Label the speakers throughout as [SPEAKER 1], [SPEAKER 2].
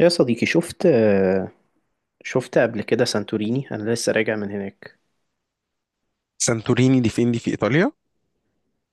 [SPEAKER 1] يا صديقي شفت قبل كده سانتوريني، انا لسه راجع من هناك.
[SPEAKER 2] سانتوريني دي فين؟ في إيطاليا؟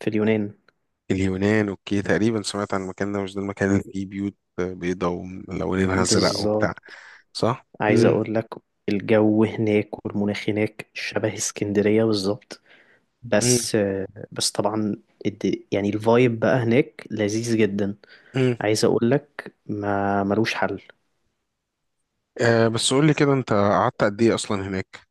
[SPEAKER 1] في اليونان.
[SPEAKER 2] اليونان، أوكي. تقريبا سمعت عن المكان ده. مش ده المكان اللي فيه بيوت بيضاء وملونينها أزرق وبتاع؟
[SPEAKER 1] بالظبط.
[SPEAKER 2] صح؟
[SPEAKER 1] عايز
[SPEAKER 2] مم.
[SPEAKER 1] اقول لك، الجو هناك والمناخ هناك شبه اسكندرية بالظبط.
[SPEAKER 2] مم.
[SPEAKER 1] بس بس طبعا يعني الفايب بقى هناك لذيذ جدا.
[SPEAKER 2] مم.
[SPEAKER 1] عايز اقول لك ما ملوش حل.
[SPEAKER 2] آه، بس قول لي كده، أنت قعدت قد إيه أصلا هناك؟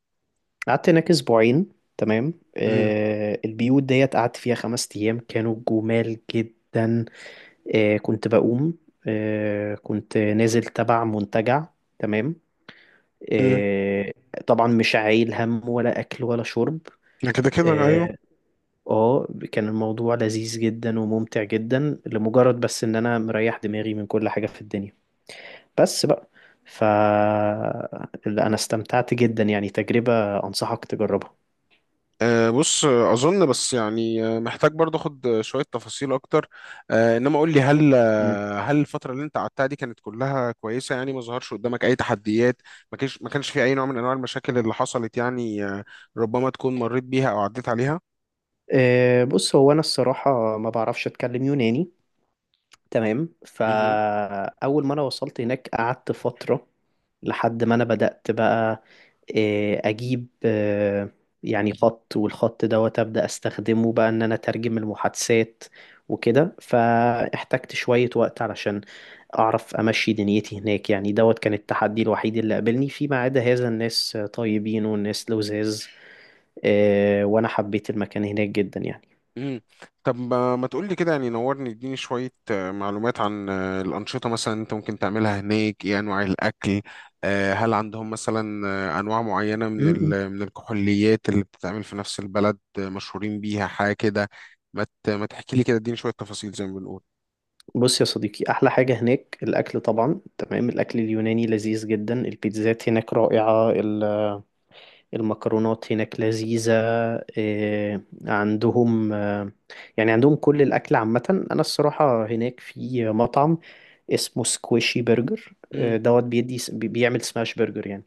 [SPEAKER 1] قعدت هناك اسبوعين. تمام.
[SPEAKER 2] مم.
[SPEAKER 1] البيوت ديت قعدت فيها 5 ايام كانوا جمال جدا. كنت بقوم. كنت نازل تبع منتجع. تمام.
[SPEAKER 2] مم.
[SPEAKER 1] آه، طبعا مش عايل هم ولا أكل ولا شرب.
[SPEAKER 2] ده كده كده أيوه.
[SPEAKER 1] اه. آه، كان الموضوع لذيذ جدا وممتع جدا، لمجرد بس إن أنا مريح دماغي من كل حاجة في الدنيا. بس بقى. ف لا، أنا استمتعت جدا يعني، تجربة أنصحك تجربها.
[SPEAKER 2] آه بص آه، أظن بس يعني محتاج برضه أخد شوية تفاصيل أكتر. آه، إنما قول لي، هل
[SPEAKER 1] مم.
[SPEAKER 2] هل الفترة اللي انت قعدتها دي كانت كلها كويسة؟ يعني ما ظهرش قدامك أي تحديات؟ ما كانش في أي نوع من أنواع المشاكل اللي حصلت يعني ربما تكون مريت بيها أو عديت عليها؟
[SPEAKER 1] بص، هو أنا الصراحة ما بعرفش أتكلم يوناني. تمام،
[SPEAKER 2] مهم.
[SPEAKER 1] فأول ما أنا وصلت هناك قعدت فترة لحد ما انا بدأت بقى اجيب يعني خط، والخط دوت ابدا استخدمه بقى ان انا اترجم المحادثات وكده. فاحتجت شوية وقت علشان اعرف امشي دنيتي هناك. يعني دوت كان التحدي الوحيد اللي قابلني، فيما عدا هذا الناس طيبين والناس لذاذ. وانا حبيت المكان هناك جدا يعني.
[SPEAKER 2] مم. طب ما تقولي كده، يعني نورني، اديني شوية معلومات عن الأنشطة مثلا أنت ممكن تعملها هناك. إيه أنواع الأكل؟ آه، هل عندهم مثلا أنواع معينة من
[SPEAKER 1] م- م.
[SPEAKER 2] من الكحوليات اللي بتتعمل في نفس البلد مشهورين بيها حاجة كده؟ ما تحكي لي كده، اديني شوية تفاصيل زي ما بنقول.
[SPEAKER 1] بص يا صديقي، احلى حاجة هناك الاكل طبعا. تمام. الاكل اليوناني لذيذ جدا، البيتزات هناك رائعة، المكرونات هناك لذيذة. إيه، عندهم يعني عندهم كل الأكل عامة. أنا الصراحة هناك في مطعم اسمه سكويشي برجر
[SPEAKER 2] مم.
[SPEAKER 1] دوت بيدي بيعمل سماش برجر يعني.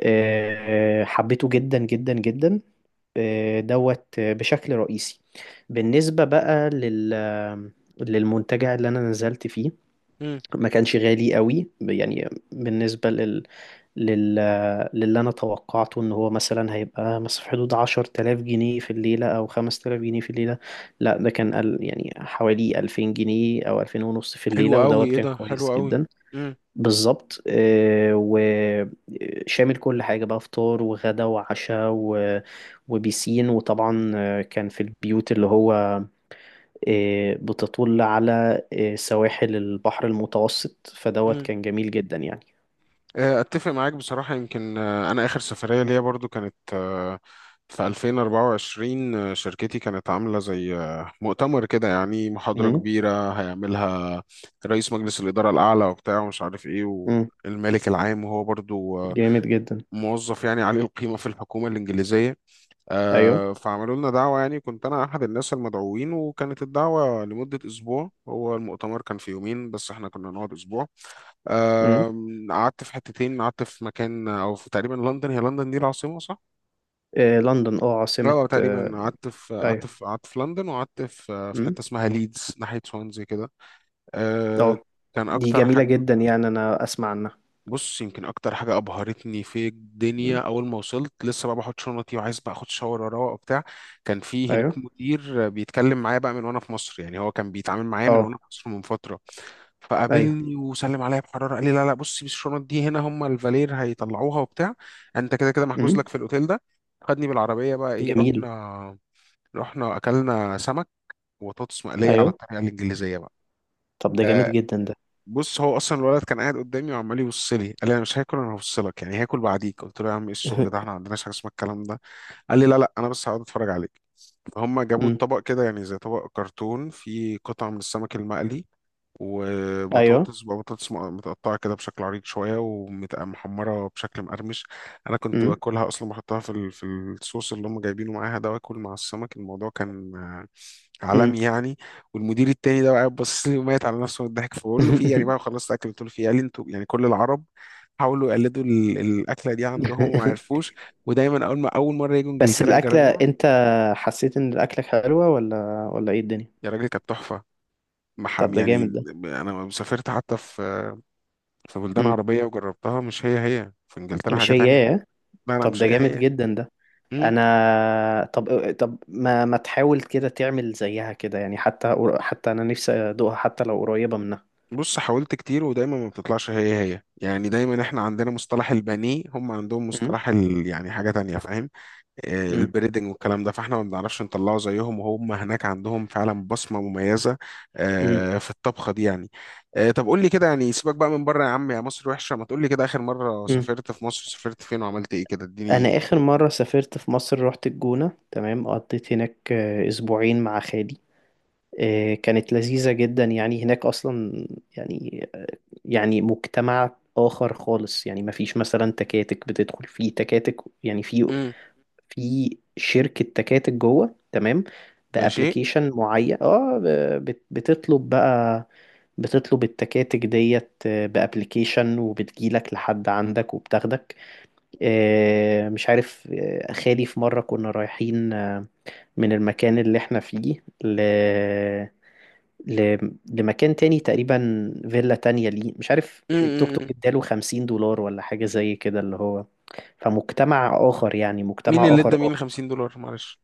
[SPEAKER 1] حبيته جدا جدا جدا دوت بشكل رئيسي. بالنسبة بقى للمنتجع اللي أنا نزلت فيه،
[SPEAKER 2] مم.
[SPEAKER 1] ما كانش غالي قوي يعني. بالنسبة لل... للي أنا توقعته، إن هو مثلا هيبقى مثلا في حدود 10000 جنيه في الليلة أو 5000 جنيه في الليلة. لا، ده كان يعني حوالي 2000 جنيه أو 2500 في
[SPEAKER 2] حلو
[SPEAKER 1] الليلة،
[SPEAKER 2] قوي.
[SPEAKER 1] ودوت
[SPEAKER 2] ايه
[SPEAKER 1] كان
[SPEAKER 2] ده،
[SPEAKER 1] كويس
[SPEAKER 2] حلو قوي.
[SPEAKER 1] جدا.
[SPEAKER 2] امم.
[SPEAKER 1] بالظبط. وشامل كل حاجة بقى، فطار وغدا وعشاء وبيسين. وطبعا كان في البيوت اللي هو بتطل على سواحل البحر المتوسط. فدوت
[SPEAKER 2] امم.
[SPEAKER 1] كان جميل جدا يعني.
[SPEAKER 2] اتفق معاك بصراحه. يمكن انا اخر سفريه ليا برضو كانت في 2024. شركتي كانت عامله زي مؤتمر كده، يعني محاضره
[SPEAKER 1] امم.
[SPEAKER 2] كبيره هيعملها رئيس مجلس الاداره الاعلى وبتاع ومش عارف ايه،
[SPEAKER 1] امم.
[SPEAKER 2] والمالك العام، وهو برضو
[SPEAKER 1] جامد جدا.
[SPEAKER 2] موظف يعني عالي القيمه في الحكومه الانجليزيه.
[SPEAKER 1] ايوه.
[SPEAKER 2] آه، فعملوا لنا دعوه، يعني كنت انا احد الناس المدعوين، وكانت الدعوه لمده اسبوع. هو المؤتمر كان في يومين بس احنا كنا نقعد اسبوع.
[SPEAKER 1] امم.
[SPEAKER 2] آم، قعدت في حتتين. قعدت في مكان او في تقريبا لندن. هي لندن دي العاصمه صح؟
[SPEAKER 1] آه لندن. اه عاصمة
[SPEAKER 2] اه، تقريبا
[SPEAKER 1] ايوه.
[SPEAKER 2] قعدت في لندن، وقعدت في
[SPEAKER 1] امم.
[SPEAKER 2] حته اسمها ليدز ناحيه سوانزي كده. آه،
[SPEAKER 1] اه.
[SPEAKER 2] كان
[SPEAKER 1] دي
[SPEAKER 2] اكتر
[SPEAKER 1] جميلة
[SPEAKER 2] حاجه،
[SPEAKER 1] جدا يعني، انا اسمع عنها.
[SPEAKER 2] بص، يمكن اكتر حاجه ابهرتني في الدنيا،
[SPEAKER 1] امم.
[SPEAKER 2] اول ما وصلت لسه بقى بحط شنطي وعايز بقى اخد شاور اروق وبتاع، كان في هناك
[SPEAKER 1] ايوه.
[SPEAKER 2] مدير بيتكلم معايا بقى من وانا في مصر. يعني هو كان بيتعامل معايا من
[SPEAKER 1] اه.
[SPEAKER 2] وانا في مصر من فتره.
[SPEAKER 1] ايوه.
[SPEAKER 2] فقابلني وسلم عليا بحراره، قال لي: لا لا، بصي الشنط دي هنا هم الفالير هيطلعوها وبتاع، انت كده كده محجوز
[SPEAKER 1] امم.
[SPEAKER 2] لك في الاوتيل ده. خدني بالعربيه بقى، ايه،
[SPEAKER 1] جميل.
[SPEAKER 2] رحنا اكلنا سمك وبطاطس مقليه على
[SPEAKER 1] ايوه.
[SPEAKER 2] الطريقه الانجليزيه بقى.
[SPEAKER 1] طب ده جامد
[SPEAKER 2] آه،
[SPEAKER 1] جدا ده.
[SPEAKER 2] بص، هو اصلا الولد كان قاعد قدامي وعمال يبص لي. قال لي: انا مش هاكل، انا هفصلك يعني، هاكل بعديك. قلت له: يا عم ايه الشغل ده، احنا ما عندناش حاجه اسمها الكلام ده. قال لي: لا لا، انا بس هقعد اتفرج عليك. فهم جابوا
[SPEAKER 1] امم.
[SPEAKER 2] الطبق كده، يعني زي طبق كرتون، فيه قطعه من السمك المقلي
[SPEAKER 1] ايوه.
[SPEAKER 2] وبطاطس بقى، متقطعة كده بشكل عريض شوية ومحمرة بشكل مقرمش. أنا كنت
[SPEAKER 1] امم.
[SPEAKER 2] باكلها أصلا، بحطها في الصوص اللي هم جايبينه معاها ده، وآكل مع السمك. الموضوع كان عالمي
[SPEAKER 1] امم.
[SPEAKER 2] يعني. والمدير التاني ده بقى قاعد باصص لي وميت على نفسه من الضحك، فبقول له: في إيه يعني؟ بقى خلصت أكل، قلت له: في إيه؟ قال لي: أنتوا يعني كل العرب حاولوا يقلدوا الأكلة دي عندهم وما عرفوش، ودايما أول ما أول مرة يجوا
[SPEAKER 1] بس
[SPEAKER 2] إنجلترا
[SPEAKER 1] الأكلة
[SPEAKER 2] يجربوها.
[SPEAKER 1] انت حسيت ان الأكلة حلوة ولا ايه الدنيا؟
[SPEAKER 2] يا راجل كانت تحفة،
[SPEAKER 1] طب
[SPEAKER 2] محام
[SPEAKER 1] ده
[SPEAKER 2] يعني.
[SPEAKER 1] جامد ده.
[SPEAKER 2] أنا سافرت حتى في بلدان
[SPEAKER 1] امم.
[SPEAKER 2] عربية وجربتها، مش هي هي. في انجلترا حاجة
[SPEAKER 1] مش
[SPEAKER 2] تانية.
[SPEAKER 1] هي.
[SPEAKER 2] لا لا،
[SPEAKER 1] طب
[SPEAKER 2] مش
[SPEAKER 1] ده
[SPEAKER 2] هي
[SPEAKER 1] جامد
[SPEAKER 2] هي.
[SPEAKER 1] جدا ده.
[SPEAKER 2] مم.
[SPEAKER 1] انا طب طب ما تحاول كده تعمل زيها كده يعني، حتى انا نفسي ادوقها حتى لو قريبة منها.
[SPEAKER 2] بص، حاولت كتير ودايما ما بتطلعش هي هي. يعني دايما احنا عندنا مصطلح البانيه، هم عندهم
[SPEAKER 1] أم،
[SPEAKER 2] مصطلح ال... يعني حاجة تانية، فاهم؟ آه،
[SPEAKER 1] أم،
[SPEAKER 2] البريدنج والكلام ده، فاحنا ما بنعرفش نطلعه زيهم، وهم هناك عندهم فعلا بصمة مميزة
[SPEAKER 1] أم،
[SPEAKER 2] في الطبخة دي يعني. آه، طب قول لي كده، يعني سيبك بقى من بره، يا عم يا مصر وحشة، ما تقول لي كده، آخر مرة
[SPEAKER 1] أم.
[SPEAKER 2] سافرت في مصر سافرت فين وعملت ايه كده،
[SPEAKER 1] انا
[SPEAKER 2] اديني.
[SPEAKER 1] اخر مرة سافرت في مصر رحت الجونة. تمام. قضيت هناك اسبوعين مع خالي. كانت لذيذة جدا يعني. هناك اصلا يعني يعني مجتمع آخر خالص. يعني مفيش مثلا تكاتك بتدخل فيه تكاتك. يعني في
[SPEAKER 2] امم.
[SPEAKER 1] في شركة تكاتك جوه. تمام.
[SPEAKER 2] ماشي.
[SPEAKER 1] بأبليكيشن معين. اه، بتطلب بقى، بتطلب التكاتك ديت بأبليكيشن، وبتجيلك لحد عندك وبتاخدك. مش عارف، خالي في مرة كنا رايحين من المكان اللي احنا فيه ل... لمكان تاني، تقريبا فيلا تانية ليه مش عارف. التوك توك اداله 50 دولار ولا حاجة زي كده، اللي هو. فمجتمع آخر يعني،
[SPEAKER 2] مين
[SPEAKER 1] مجتمع
[SPEAKER 2] اللي ادى
[SPEAKER 1] آخر.
[SPEAKER 2] مين 50 دولار؟ معلش.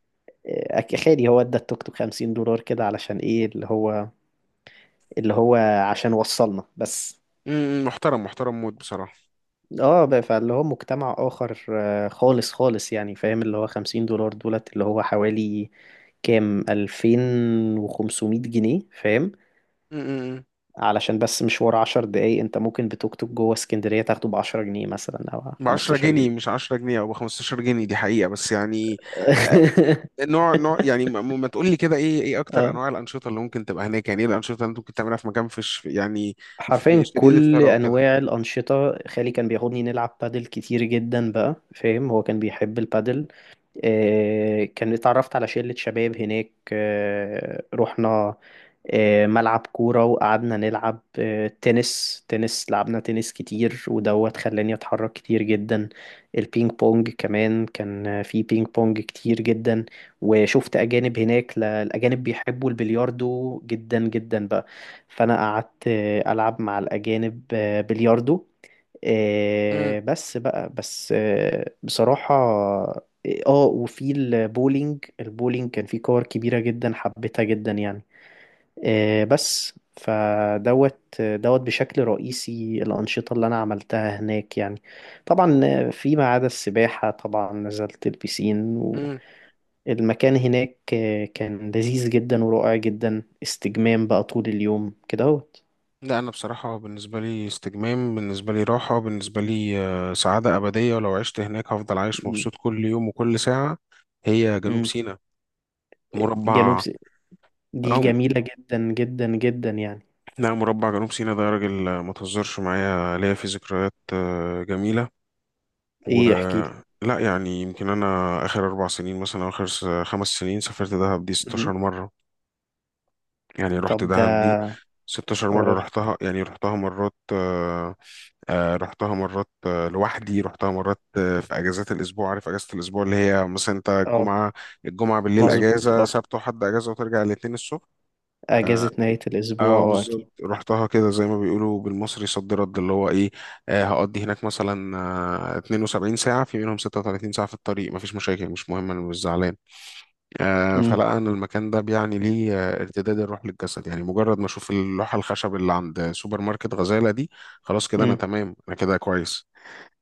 [SPEAKER 1] خالي هو ادى التوك توك 50 دولار كده علشان ايه، اللي هو عشان وصلنا بس.
[SPEAKER 2] امم. محترم، محترم موت بصراحة.
[SPEAKER 1] اه، فاللي هو مجتمع اخر خالص يعني، فاهم. اللي هو 50 دولار دولت، اللي هو حوالي كام 2500 جنيه، فاهم.
[SPEAKER 2] امم.
[SPEAKER 1] علشان بس مشوار 10 دقايق. انت ممكن بتوك توك جوه اسكندرية تاخده ب 10 جنيه مثلا او
[SPEAKER 2] ب 10
[SPEAKER 1] 15
[SPEAKER 2] جنيه
[SPEAKER 1] جنيه
[SPEAKER 2] مش 10 جنيه او ب 15 جنيه دي حقيقة، بس يعني آه، نوع يعني، ما تقول لي كده ايه، ايه اكتر انواع الانشطة اللي ممكن تبقى هناك؟ يعني ايه الانشطة اللي انت ممكن تعملها في مكان فيش يعني في
[SPEAKER 1] حرفيا
[SPEAKER 2] شديد
[SPEAKER 1] كل
[SPEAKER 2] الثراء كده؟
[SPEAKER 1] انواع الانشطه. خالي كان بياخدني نلعب بادل كتير جدا بقى، فاهم. هو كان بيحب البادل. آه، كان اتعرفت على شله شباب هناك. آه، رحنا ملعب كورة، وقعدنا نلعب تنس. لعبنا تنس كتير، ودوت خلاني أتحرك كتير جدا. البينج بونج كمان كان في بينج بونج كتير جدا. وشفت أجانب هناك، الأجانب بيحبوا البلياردو جدا جدا بقى. فأنا قعدت ألعب مع الأجانب بلياردو
[SPEAKER 2] امم.
[SPEAKER 1] بس بصراحة اه. وفي البولينج. البولينج كان في كور كبيرة جدا، حبيتها جدا يعني. بس فدوت بشكل رئيسي الأنشطة اللي أنا عملتها هناك يعني. طبعا فيما عدا السباحة طبعا، نزلت البسين.
[SPEAKER 2] امم.
[SPEAKER 1] والمكان هناك كان لذيذ جدا ورائع جدا، استجمام بقى طول اليوم كده اهوت.
[SPEAKER 2] لا، انا بصراحة بالنسبة لي استجمام، بالنسبة لي راحة، بالنسبة لي سعادة أبدية. ولو عشت هناك هفضل عايش
[SPEAKER 1] م-
[SPEAKER 2] مبسوط كل يوم وكل ساعة. هي جنوب
[SPEAKER 1] م.
[SPEAKER 2] سيناء
[SPEAKER 1] جنوب
[SPEAKER 2] مربع.
[SPEAKER 1] س- دي
[SPEAKER 2] اه
[SPEAKER 1] جميلة جدا جدا جدا يعني.
[SPEAKER 2] لا، مربع جنوب سيناء ده يا راجل ما تهزرش معايا، ليا فيه ذكريات جميلة. و
[SPEAKER 1] ايه، احكي لي.
[SPEAKER 2] لا يعني، يمكن أنا آخر أربع سنين مثلا أو خمس سنين سافرت دهب دي 16
[SPEAKER 1] م.
[SPEAKER 2] مرة. يعني رحت
[SPEAKER 1] طب ده.
[SPEAKER 2] دهب دي 16 مرة.
[SPEAKER 1] اه.
[SPEAKER 2] رحتها يعني رحتها مرات رحتها مرات لوحدي، رحتها مرات في اجازات الاسبوع. عارف اجازه الاسبوع اللي هي مثلا انت
[SPEAKER 1] اه.
[SPEAKER 2] الجمعه بالليل
[SPEAKER 1] مظبوط
[SPEAKER 2] اجازه،
[SPEAKER 1] اه.
[SPEAKER 2] سبت وحد اجازه، وترجع الاثنين الصبح.
[SPEAKER 1] أجازة نهاية الأسبوع
[SPEAKER 2] اه
[SPEAKER 1] اه
[SPEAKER 2] بالظبط،
[SPEAKER 1] أكيد.
[SPEAKER 2] رحتها كده زي ما بيقولوا بالمصري صد رد، اللي هو ايه، آه، هقضي هناك مثلا آه 72 ساعة، في منهم 36 ساعة في الطريق، مفيش مشاكل، مش مهم، انا مش زعلان. آه،
[SPEAKER 1] م.
[SPEAKER 2] فلا، انا المكان ده بيعني لي آه ارتداد الروح للجسد، يعني مجرد ما اشوف اللوحة الخشب اللي عند سوبر ماركت غزالة دي، خلاص كده انا
[SPEAKER 1] م.
[SPEAKER 2] تمام، انا كده كويس.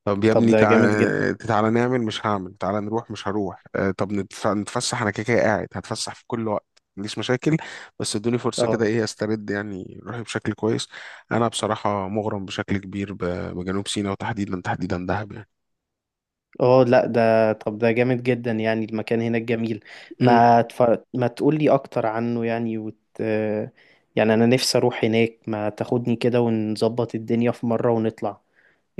[SPEAKER 2] طب يا
[SPEAKER 1] طب
[SPEAKER 2] ابني،
[SPEAKER 1] ده جامد جدا.
[SPEAKER 2] تعالى نعمل، مش هعمل، تعالى نروح، مش هروح، آه، طب نتفسح، انا كده كده قاعد هتفسح في كل وقت، ما عنديش مشاكل، بس ادوني فرصة
[SPEAKER 1] اه.
[SPEAKER 2] كده ايه استرد يعني روحي بشكل كويس. انا بصراحة مغرم بشكل كبير بجنوب سيناء، وتحديدا دهب
[SPEAKER 1] اه. لا ده، طب ده جامد جدا يعني، المكان هناك جميل.
[SPEAKER 2] يعني.
[SPEAKER 1] ما تف... ما تقولي اكتر عنه يعني، يعني انا نفسي اروح هناك. ما تاخدني كده، ونظبط الدنيا في مرة ونطلع.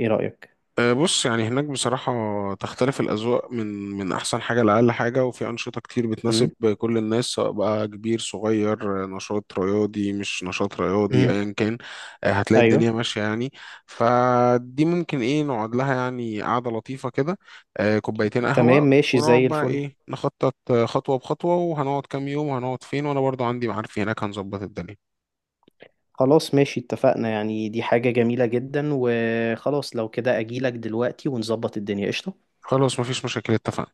[SPEAKER 1] ايه رأيك؟
[SPEAKER 2] أه، بص، يعني هناك بصراحة تختلف الأذواق من أحسن حاجة لأقل حاجة، وفي أنشطة كتير بتناسب
[SPEAKER 1] امم.
[SPEAKER 2] كل الناس، سواء بقى كبير صغير، نشاط رياضي مش نشاط رياضي،
[SPEAKER 1] امم.
[SPEAKER 2] أيا كان. أه، هتلاقي
[SPEAKER 1] ايوه.
[SPEAKER 2] الدنيا ماشية يعني. فدي ممكن إيه، نقعد لها يعني قعدة لطيفة كده، أه، كوبايتين
[SPEAKER 1] تمام
[SPEAKER 2] قهوة،
[SPEAKER 1] ماشي زي
[SPEAKER 2] ونقعد بقى
[SPEAKER 1] الفل.
[SPEAKER 2] إيه نخطط، أه، خطوة بخطوة، وهنقعد كام يوم وهنقعد فين، وأنا برضو عندي معارفي هناك هنظبط الدنيا.
[SPEAKER 1] خلاص ماشي، اتفقنا يعني، دي حاجة جميلة جدا، وخلاص لو كده اجيلك دلوقتي ونظبط الدنيا قشطة.
[SPEAKER 2] خلاص، مفيش مشاكل، اتفقنا.